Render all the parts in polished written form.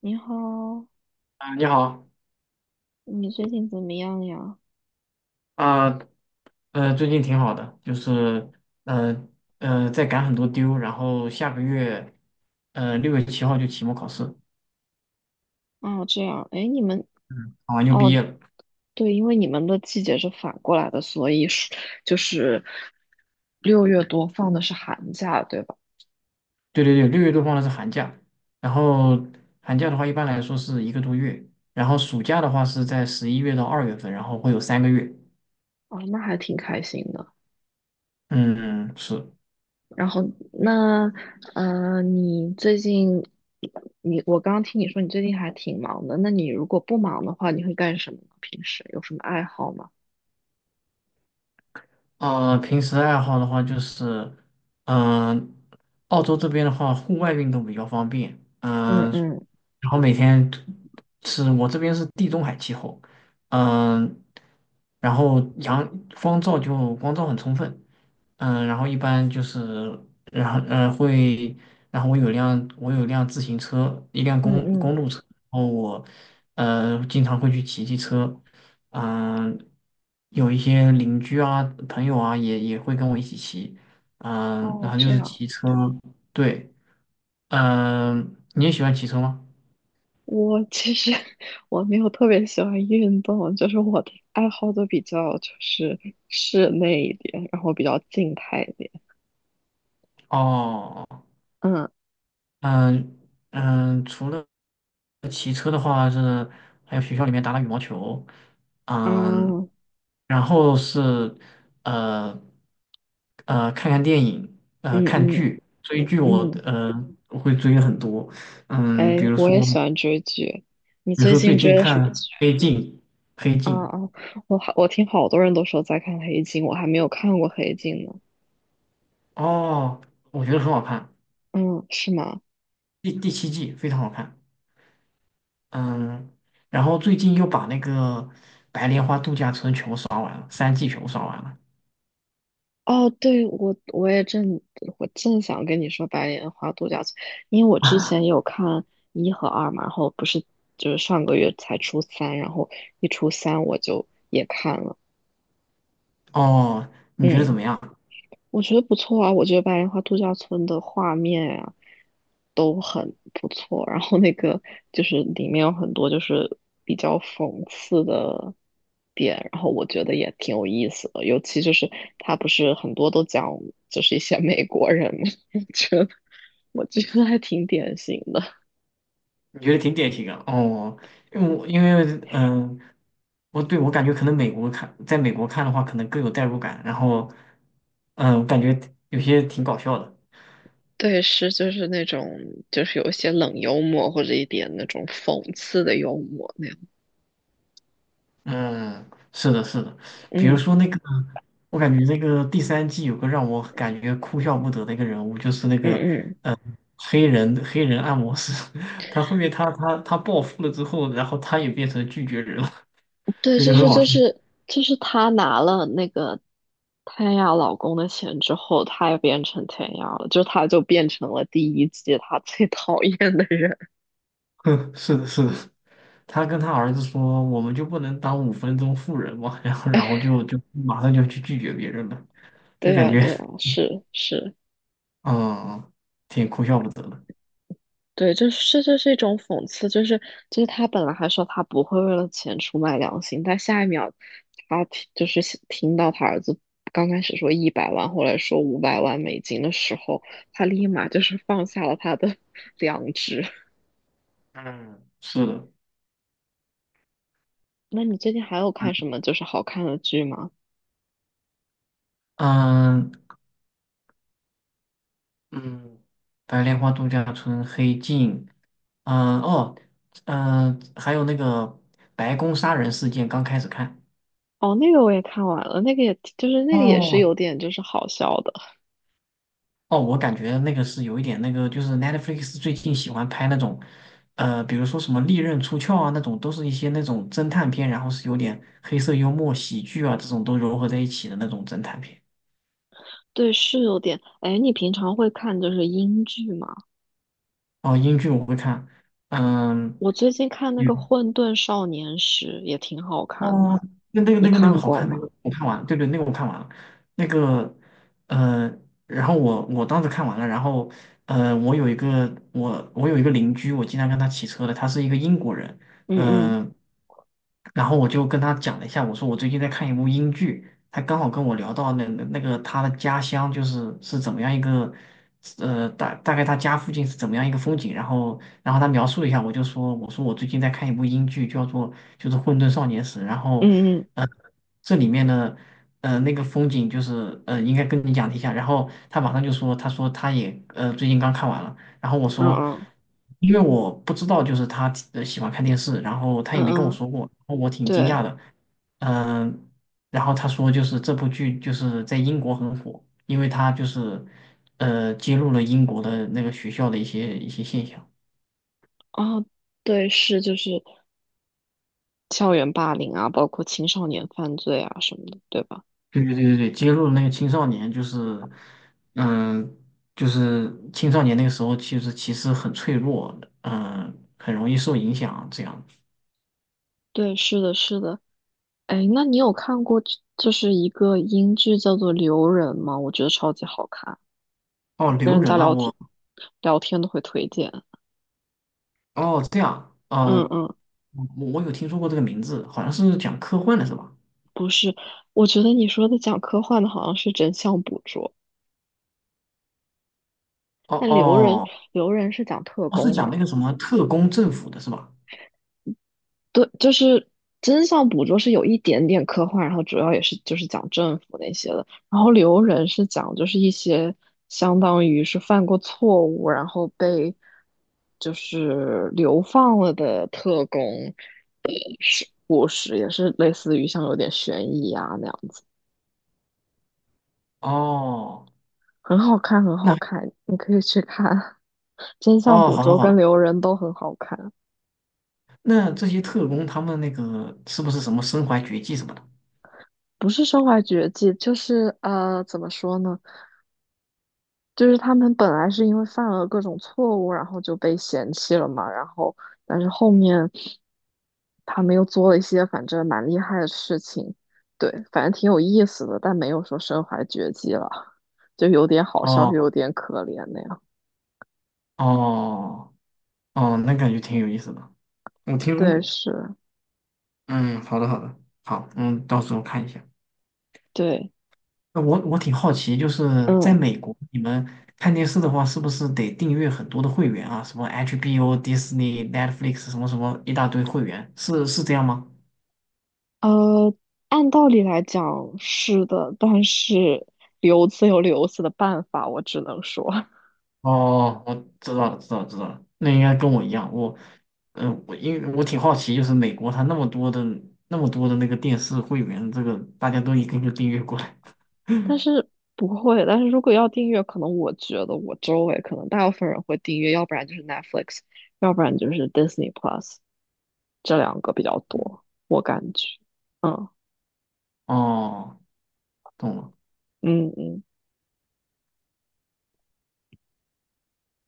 你好，啊，你好你最近怎么样呀？啊。最近挺好的，就是呃在赶很多丢。然后下个月6月7号就期末考试。哦，这样，哎，嗯，考完就毕哦，业了。对，因为你们的季节是反过来的，所以是就是六月多放的是寒假，对吧？对对对，六月多放的是寒假，然后寒假的话一般来说是一个多月，然后暑假的话是在11月到2月份，然后会有3个月。哦，那还挺开心的。嗯，是。然后那，你最近，你我刚刚听你说你最近还挺忙的，那你如果不忙的话，你会干什么呢？平时有什么爱好吗？平时爱好的话就是，嗯、澳洲这边的话，户外运动比较方便。嗯、嗯嗯然后每天是我这边是地中海气候。嗯、然后阳光照就光照很充分。嗯、然后一般就是，然后呃会，然后我有辆自行车，一辆嗯公嗯，公路车，然后我经常会去骑骑车。嗯、有一些邻居啊、朋友啊，也会跟我一起骑。嗯、然哦，后就这是样。骑车。对，嗯、你也喜欢骑车吗？我其实 我没有特别喜欢运动，就是我的爱好都比较就是室内一点，然后比较静态一点。哦，嗯嗯嗯。除了骑车的话是，还有学校里面打打羽毛球。嗯，啊然后是呃看看电影，嗯看嗯剧。追剧我嗯，会追很多，嗯，哎，比如我也说。喜欢追剧。你比如最说近最追近的什看么剧？《黑镜》。《黑镜》啊啊，我听好多人都说在看《黑镜》，我还没有看过《黑镜》呢。哦，我觉得很好看。嗯，是吗？第七季非常好看。嗯，然后最近又把那个《白莲花度假村》全部刷完了，三季全部刷完了。哦，对，我正想跟你说白莲花度假村，因为我之前有看一和二嘛，然后不是就是上个月才出三，然后一出三我就也看了，哦，你觉得怎嗯。么样？我觉得不错啊，我觉得白莲花度假村的画面啊都很不错，然后那个就是里面有很多就是比较讽刺的点，然后我觉得也挺有意思的，尤其就是他不是很多都讲就是一些美国人嘛，我觉得我觉得还挺典型的，你觉得挺典型的哦。因为嗯，我感觉可能美国看，在美国看的话，可能更有代入感。然后嗯，感觉有些挺搞笑的。对，是就是那种就是有一些冷幽默或者一点那种讽刺的幽默那样，嗯，是的，是的。比如嗯说那个，我感觉那个第3季有个让我感觉哭笑不得的一个人物，就是那个嗯嗯。黑人按摩师。他后面他暴富了之后，然后他也变成拒绝人了。对，这就就很是好就笑。是就是她拿了那个天涯老公的钱之后，他也变成天涯了，就他就变成了第一季他 最讨厌的人。哼，是的，是的。他跟他儿子说，我们就不能当5分钟富人吗？" 然后就马上就去拒绝别人了，就对感啊，觉对啊，是是，嗯，挺哭笑不得的。对，就是这就是一种讽刺，就是他本来还说他不会为了钱出卖良心，但下一秒就是想听到他儿子刚开始说一百万，后来说五百万美金的时候，他立马就是放下了他的 良知。嗯，是的。那你最近还有看什么就是好看的剧吗？嗯，嗯，白莲花度假村、黑镜，嗯、哦，嗯、还有那个白宫杀人事件，刚开始看。哦，那个我也看完了，那个也就是那个也是哦，有点就是好笑的，哦，我感觉那个是有一点那个，就是 Netflix 最近喜欢拍那种，比如说什么利刃出鞘啊那种，都是一些那种侦探片。然后是有点黑色幽默、喜剧啊这种都融合在一起的那种侦探片。对，是有点。哎，你平常会看就是英剧吗？哦，英剧我会看，嗯。我最近看那个《混沌少年时》也挺好看的，哦，那那个你那个那个看好过看，那吗？个我看完了，对对，那个我看完了，那个呃，然后我当时看完了。然后我有一个邻居，我经常跟他骑车的，他是一个英国人。嗯嗯嗯、然后我就跟他讲了一下，我说我最近在看一部英剧，他刚好跟我聊到那个他的家乡是怎么样一个。呃，大概他家附近是怎么样一个风景。然后他描述了一下，我说我最近在看一部英剧，叫做就是《混沌少年时》。然后嗯嗯呃这里面的那个风景就是应该跟你讲一下。然后他马上就说他也最近刚看完了。然后我嗯说嗯因为我不知道就是他喜欢看电视，然后他嗯也没跟我嗯，说过，然后我挺惊对，讶的。嗯、然后他说，就是这部剧就是在英国很火，因为他就是揭露了英国的那个学校的一些现象。哦对，是就是校园霸凌啊，包括青少年犯罪啊什么的，对吧？对对对对对，揭露了那个青少年，就是，嗯，就是青少年那个时候，其实很脆弱，嗯，很容易受影响。这样。对，是的，是的。哎，那你有看过这就是一个英剧叫做《留人》吗？我觉得超级好看，哦，跟留人家人啊，聊天我，聊天都会推荐。哦，这样啊。嗯嗯，我我有听说过这个名字，好像是讲科幻的是吧？不是，我觉得你说的讲科幻的好像是真相捕捉，哦但《留人》哦，《留人》是讲特哦，是工讲的。那个什么特工政府的是吧？对，就是真相捕捉是有一点点科幻，然后主要也是就是讲政府那些的，然后留人是讲就是一些相当于是犯过错误，然后被就是流放了的特工故事，也是类似于像有点悬疑啊那样，哦，很好看，很那好看，你可以去看。真相哦，捕好的捉好跟的，留人都很好看，那这些特工他们那个是不是什么身怀绝技什么的？不是身怀绝技，就是呃，怎么说呢？就是他们本来是因为犯了各种错误，然后就被嫌弃了嘛，然后但是后面他们又做了一些反正蛮厉害的事情，对，反正挺有意思的，但没有说身怀绝技了，就有点好笑，又哦有点可怜那样。哦哦，那感觉挺有意思的。我听说对，过。是，嗯，好的好的，好，嗯，到时候看一下。对，那我挺好奇，就是在嗯，美国，你们看电视的话，是不是得订阅很多的会员啊？什么 HBO、Disney、Netflix 什么什么一大堆会员，是这样吗？呃，按道理来讲是的，但是 留子有留子的办法，我只能说。哦，我知道了，知道了，知道了。那应该跟我一样。我，嗯、因为我挺好奇，就是美国它那么多的那个电视会员，这个大家都一个个订阅过来。但 是不会，但是如果要订阅，可能我觉得我周围可能大部分人会订阅，要不然就是 Netflix，要不然就是 Disney Plus，这两个比较多，我感觉。嗯哦，懂了。嗯嗯，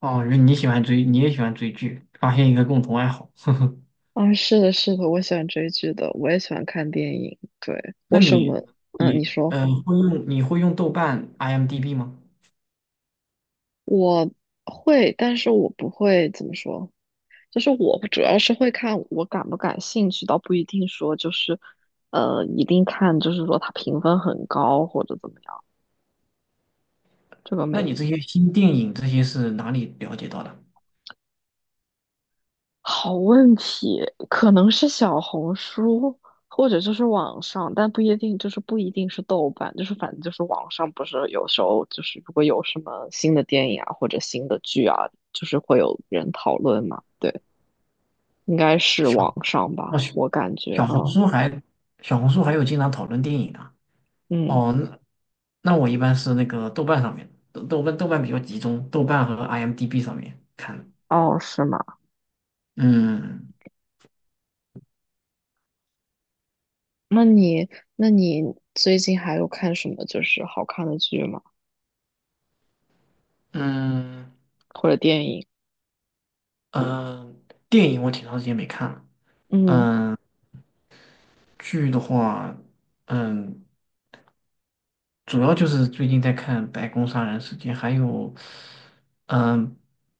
哦，原来你喜欢追，你也喜欢追剧，发现一个共同爱好。呵呵，啊，是的，是的，我喜欢追剧的，我也喜欢看电影。对，那我什你么？嗯，你你说呃会用你会用豆瓣、IMDB 吗？我会，但是我不会怎么说，就是我主要是会看我感不感兴趣，倒不一定说就是，一定看就是说它评分很高或者怎么样。这个那没你这些新电影这些是哪里了解到的？好问题，可能是小红书或者就是网上，但不一定，就是不一定是豆瓣，就是反正就是网上不是有时候就是如果有什么新的电影啊或者新的剧啊，就是会有人讨论嘛。对，应该是小网上哦吧，小我感觉，小红嗯书还小红书还有经常讨论电影的嗯，哦。那我一般是那个豆瓣上面，豆瓣比较集中，豆瓣和 IMDB 上面看的。哦，是吗？嗯那你那你最近还有看什么就是好看的剧吗？嗯或者电影？嗯，电影我挺长时间没看了。嗯嗯、剧的话，嗯，主要就是最近在看《白宫杀人事件》，还有，嗯，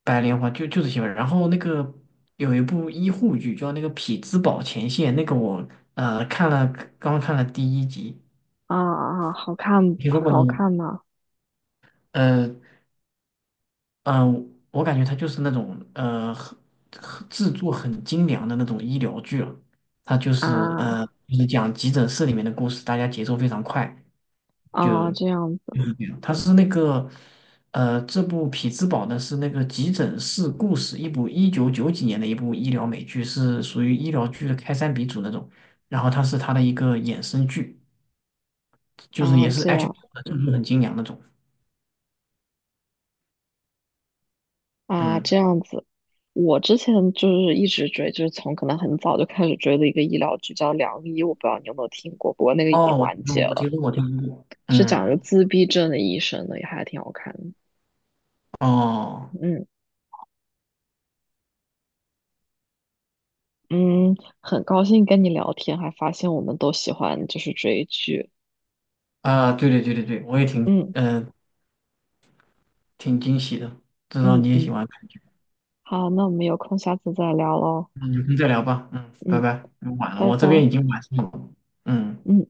《白莲花》就这些吧。然后那个有一部医护剧叫那个《匹兹堡前线》，那个我看了，刚看了第一集。啊啊，好看听说过呢？好看吗？呃嗯、我感觉它就是那种很制作很精良的那种医疗剧了。它就是啊。讲急诊室里面的故事，大家节奏非常快。就啊，这样子有一点，它是那个，这部《匹兹堡》呢是那个急诊室故事，一部一九九几年的一部医疗美剧，是属于医疗剧的开山鼻祖那种。然后它是它的一个衍生剧，就是啊，也是 这样 HBO 的，就是很精良那种。啊，这嗯，样子。我之前就是一直追，就是从可能很早就开始追的一个医疗剧叫《良医》，我不知道你有没有听过，不过那个已经哦，我听完说结过，我听了，说过，我听说过。是讲一嗯，个自闭症的医生的，也还挺好看的。哦，嗯嗯，很高兴跟你聊天，还发现我们都喜欢就是追剧。啊，对对对对对，我也挺，嗯嗯，挺惊喜的，知道嗯你也嗯，喜欢看剧。好，那我们有空下次再聊喽。嗯，有空再聊吧。嗯，拜嗯，拜。晚了，拜我这拜。边已经晚上了。嗯。嗯。